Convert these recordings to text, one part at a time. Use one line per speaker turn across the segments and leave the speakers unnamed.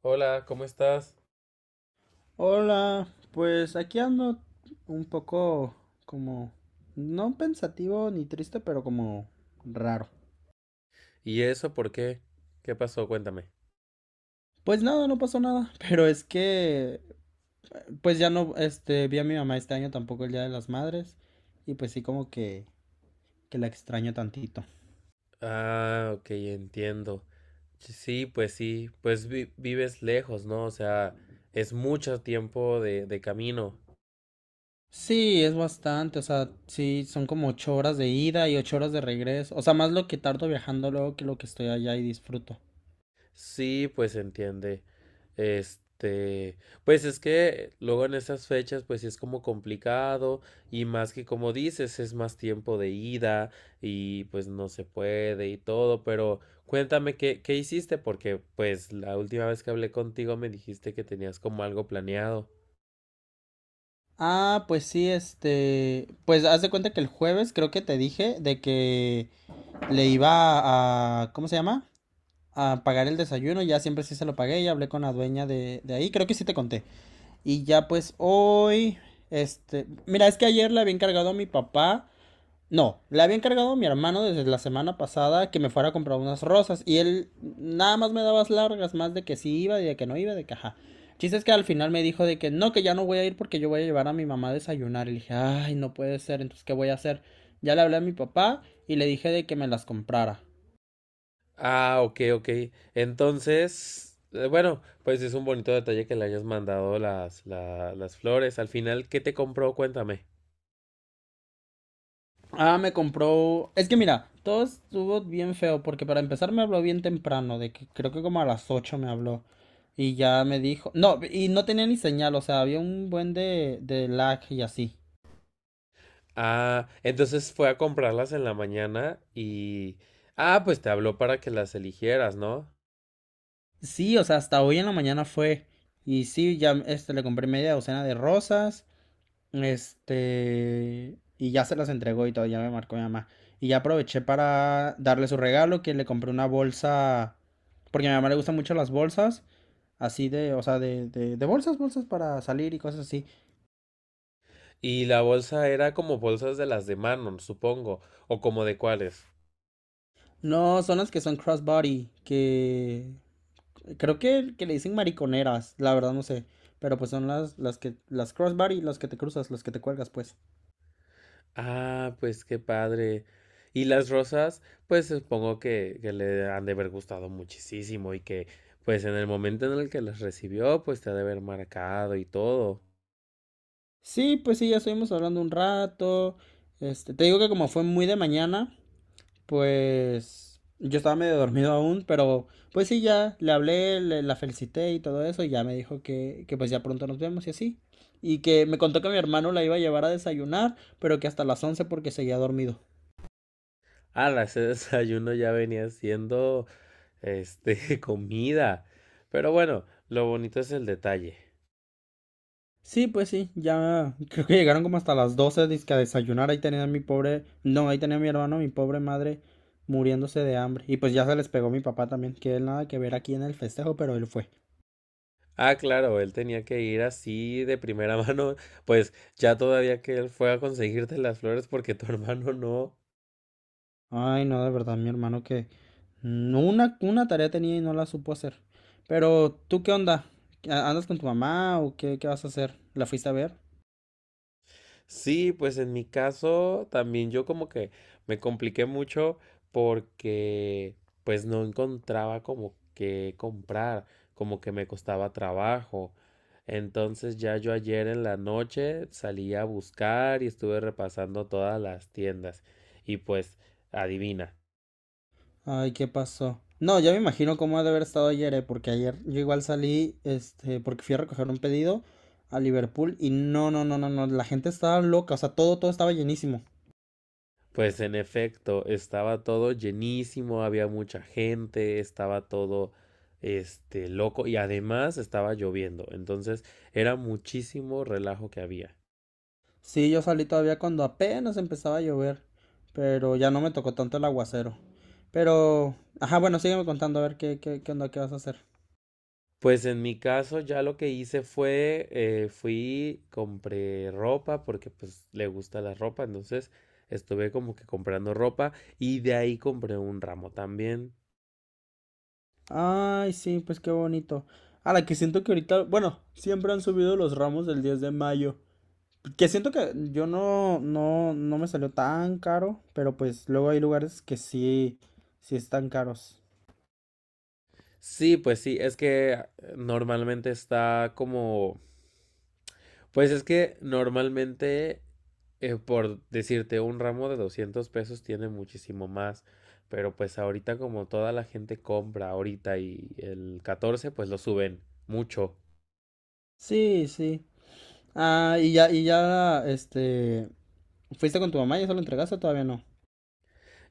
Hola, ¿cómo estás?
Hola, pues aquí ando un poco como, no pensativo ni triste, pero como raro.
¿Y eso por qué? ¿Qué pasó? Cuéntame.
Pues nada, no pasó nada, pero es que, pues ya no, este, vi a mi mamá este año tampoco el Día de las Madres y pues sí como que la extraño tantito.
Ah, ok, entiendo. Sí, pues vives lejos, ¿no? O sea, es mucho tiempo de camino.
Sí, es bastante, o sea, sí, son como 8 horas de ida y 8 horas de regreso, o sea, más lo que tardo viajando luego que lo que estoy allá y disfruto.
Sí, pues entiende. Este, pues es que luego en esas fechas, pues sí es como complicado y más que como dices, es más tiempo de ida y pues no se puede y todo, pero cuéntame qué hiciste porque pues la última vez que hablé contigo me dijiste que tenías como algo planeado.
Ah, pues sí, este, pues haz de cuenta que el jueves creo que te dije de que le iba a, ¿cómo se llama? A pagar el desayuno, ya siempre sí se lo pagué, ya hablé con la dueña de ahí, creo que sí te conté. Y ya pues hoy, este, mira, es que ayer le había encargado a mi papá no, le había encargado a mi hermano desde la semana pasada que me fuera a comprar unas rosas y él nada más me daba las largas, más de que sí iba y de que no iba, de que ajá. El chiste es que al final me dijo de que no, que ya no voy a ir porque yo voy a llevar a mi mamá a desayunar. Y le dije, ay, no puede ser, entonces ¿qué voy a hacer? Ya le hablé a mi papá y le dije de que me las comprara.
Ah, ok, ok. Entonces, bueno, pues es un bonito detalle que le hayas mandado las flores. Al final, ¿qué te compró? Cuéntame.
Ah, me compró. Es que mira, todo estuvo bien feo porque para empezar me habló bien temprano, de que creo que como a las 8 me habló. Y ya me dijo. No, y no tenía ni señal, o sea, había un buen de lag y así.
Ah, ¿entonces fue a comprarlas en la mañana y...? Ah, pues te habló para que las eligieras, ¿no?
Sí, o sea, hasta hoy en la mañana fue. Y sí, ya este, le compré media docena de rosas. Este, y ya se las entregó y todo, ya me marcó mi mamá. Y ya aproveché para darle su regalo, que le compré una bolsa, porque a mi mamá le gustan mucho las bolsas, así de, o sea, de bolsas, bolsas para salir y cosas así.
Y la bolsa era como bolsas de las de Manon, supongo, o como de cuáles.
No, son las que son crossbody, que creo que le dicen mariconeras, la verdad no sé. Pero pues son las, que, las crossbody, las que te cruzas, las que te cuelgas, pues.
Ah, pues qué padre. Y las rosas, pues supongo que le han de haber gustado muchísimo y que, pues en el momento en el que las recibió, pues te ha de haber marcado y todo.
Sí, pues sí, ya estuvimos hablando un rato. Este, te digo que como fue muy de mañana, pues yo estaba medio dormido aún, pero pues sí, ya le hablé, la felicité y todo eso, y ya me dijo que pues ya pronto nos vemos y así. Y que me contó que mi hermano la iba a llevar a desayunar, pero que hasta las 11 porque seguía dormido.
Ah, ese desayuno ya venía siendo, comida. Pero bueno, lo bonito es el detalle.
Sí, pues sí, ya creo que llegaron como hasta las 12 dizque a desayunar, ahí tenía a mi pobre, no, ahí tenía a mi hermano, mi pobre madre muriéndose de hambre. Y pues ya se les pegó mi papá también, que él nada que ver aquí en el festejo, pero él fue.
Ah, claro, él tenía que ir así de primera mano, pues ya todavía que él fue a conseguirte las flores porque tu hermano no.
Ay, no, de verdad, mi hermano que no, una tarea tenía y no la supo hacer. Pero, ¿tú qué onda? ¿Andas con tu mamá o qué, qué vas a hacer? ¿La fuiste a ver?
Sí, pues en mi caso también yo como que me compliqué mucho porque pues no encontraba como que comprar, como que me costaba trabajo. Entonces ya yo ayer en la noche salí a buscar y estuve repasando todas las tiendas y pues adivina.
Ay, ¿qué pasó? No, ya me imagino cómo ha de haber estado ayer, porque ayer yo igual salí, este, porque fui a recoger un pedido a Liverpool y no, no, no, no, no, la gente estaba loca, o sea, todo, todo estaba llenísimo.
Pues en efecto, estaba todo llenísimo, había mucha gente, estaba todo loco y además estaba lloviendo, entonces era muchísimo relajo que había.
Sí, yo salí todavía cuando apenas empezaba a llover, pero ya no me tocó tanto el aguacero. Pero, ajá, bueno, sígueme contando a ver qué, qué onda, qué vas a hacer.
Pues en mi caso ya lo que hice fue, fui, compré ropa porque pues le gusta la ropa, entonces estuve como que comprando ropa y de ahí compré un ramo también.
Ay, sí, pues qué bonito. A la que siento que ahorita, bueno, siempre han subido los ramos del 10 de mayo. Que siento que yo no, no, no me salió tan caro, pero pues luego hay lugares que sí, sí están caros.
Sí, pues sí, es que normalmente está como pues es que normalmente, por decirte, un ramo de 200 pesos tiene muchísimo más, pero pues ahorita como toda la gente compra ahorita y el 14 pues lo suben mucho.
Sí, sí. Ah, y ya, este, ¿fuiste con tu mamá y eso lo entregaste o todavía no?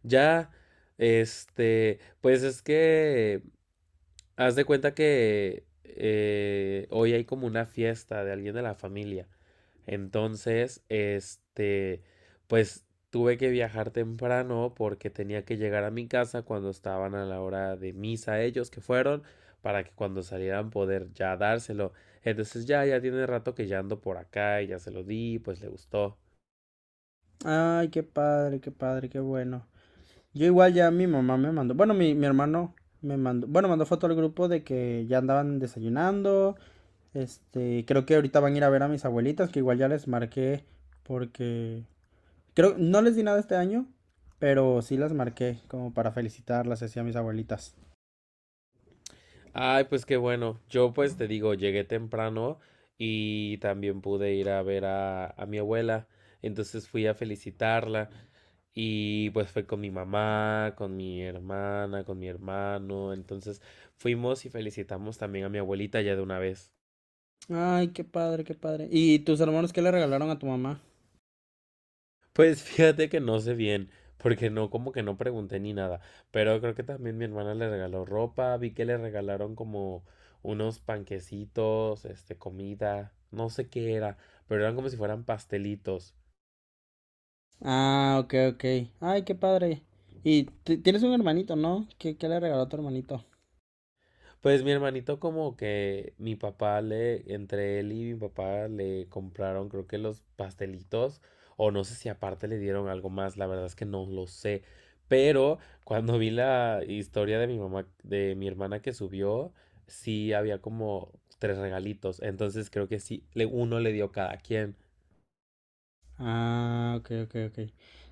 Ya, pues es que, haz de cuenta que hoy hay como una fiesta de alguien de la familia. Entonces, pues tuve que viajar temprano porque tenía que llegar a mi casa cuando estaban a la hora de misa ellos que fueron para que cuando salieran poder ya dárselo. Entonces ya, ya tiene rato que ya ando por acá y ya se lo di, pues le gustó.
Ay, qué padre, qué padre, qué bueno. Yo igual ya mi mamá me mandó, bueno, mi hermano me mandó, bueno, mandó foto al grupo de que ya andaban desayunando. Este, creo que ahorita van a ir a ver a mis abuelitas, que igual ya les marqué porque creo no les di nada este año, pero sí las marqué como para felicitarlas así a mis abuelitas.
Ay, pues qué bueno. Yo pues te digo, llegué temprano y también pude ir a ver a mi abuela. Entonces fui a felicitarla y pues fue con mi mamá, con mi hermana, con mi hermano. Entonces fuimos y felicitamos también a mi abuelita ya de una vez.
Ay, qué padre, qué padre. ¿Y tus hermanos qué le regalaron a tu mamá?
Pues fíjate que no sé bien, porque no, como que no pregunté ni nada. Pero creo que también mi hermana le regaló ropa. Vi que le regalaron como unos panquecitos, comida. No sé qué era, pero eran como si fueran pastelitos.
Ah, ok, ok. Ay, qué padre. Y tienes un hermanito, ¿no? ¿Qué le regaló a tu hermanito?
Pues mi hermanito como que mi papá le, entre él y mi papá le compraron creo que los pastelitos o no sé si aparte le dieron algo más, la verdad es que no lo sé, pero cuando vi la historia de mi mamá, de mi hermana que subió, sí había como tres regalitos, entonces creo que sí, le, uno le dio cada quien.
Ah, ok, ok, ok.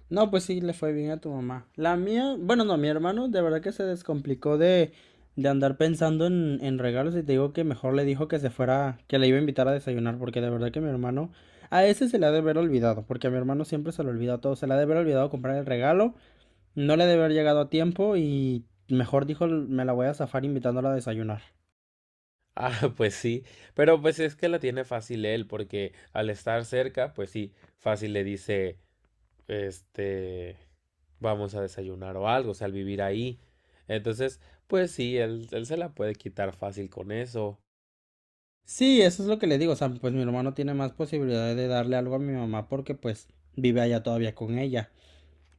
No, pues sí, le fue bien a tu mamá. La mía, bueno, no, mi hermano de verdad que se descomplicó de andar pensando en regalos y te digo que mejor le dijo que se fuera, que le iba a invitar a desayunar, porque de verdad que mi hermano, a ese se le ha de haber olvidado, porque a mi hermano siempre se le olvida todo, se le ha de haber olvidado comprar el regalo, no le ha de haber llegado a tiempo y mejor dijo, me la voy a zafar invitándola a desayunar.
Ah, pues sí, pero pues es que la tiene fácil él porque al estar cerca, pues sí, fácil le dice, este... vamos a desayunar o algo, o sea, al vivir ahí. Entonces, pues sí, él se la puede quitar fácil con eso.
Sí, eso es lo que le digo, o sea, pues mi hermano tiene más posibilidades de darle algo a mi mamá porque pues vive allá todavía con ella.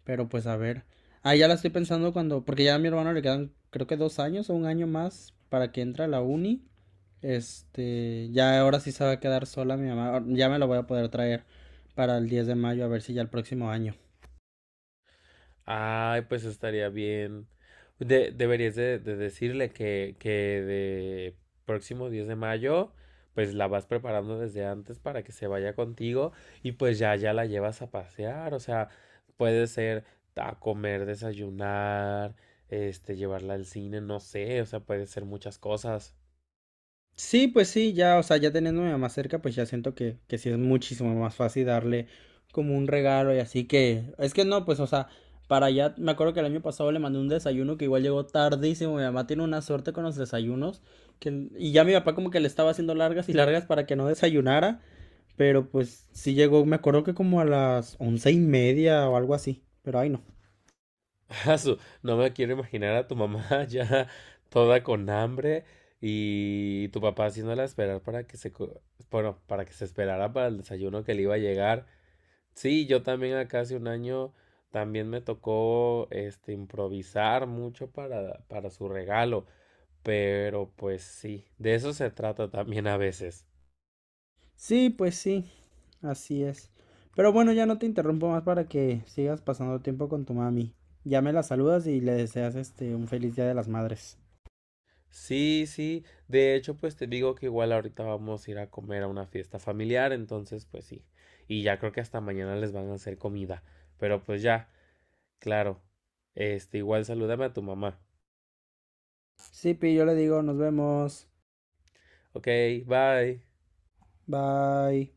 Pero pues a ver. Ah, ya la estoy pensando cuando, porque ya a mi hermano le quedan creo que 2 años o un año más para que entre a la uni. Este, ya ahora sí se va a quedar sola mi mamá. Ya me la voy a poder traer para el 10 de mayo a ver si ya el próximo año.
Ay, pues estaría bien. Deberías de decirle que de próximo 10 de mayo, pues la vas preparando desde antes para que se vaya contigo y pues ya, ya la llevas a pasear. O sea, puede ser a comer, desayunar, llevarla al cine, no sé, o sea, puede ser muchas cosas.
Sí, pues sí, ya, o sea, ya teniendo a mi mamá cerca, pues ya siento que sí es muchísimo más fácil darle como un regalo y así que, es que no, pues, o sea, para allá, me acuerdo que el año pasado le mandé un desayuno que igual llegó tardísimo, mi mamá tiene una suerte con los desayunos, que, y ya mi papá como que le estaba haciendo largas y largas para que no desayunara, pero pues sí llegó, me acuerdo que como a las 11:30 o algo así, pero ay no.
Asu, no me quiero imaginar a tu mamá ya toda con hambre y tu papá haciéndola esperar para que se, bueno, para que se esperara para el desayuno que le iba a llegar. Sí, yo también acá hace un año también me tocó improvisar mucho para su regalo, pero pues sí, de eso se trata también a veces.
Sí, pues sí. Así es. Pero bueno, ya no te interrumpo más para que sigas pasando tiempo con tu mami. Ya me la saludas y le deseas este un feliz Día de las Madres.
Sí, sí. De hecho, pues te digo que igual ahorita vamos a ir a comer a una fiesta familiar, entonces pues sí. Y ya creo que hasta mañana les van a hacer comida. Pero pues ya, claro. Igual salúdame a tu mamá.
Sí, Pi, yo le digo, nos vemos.
Ok, bye.
Bye.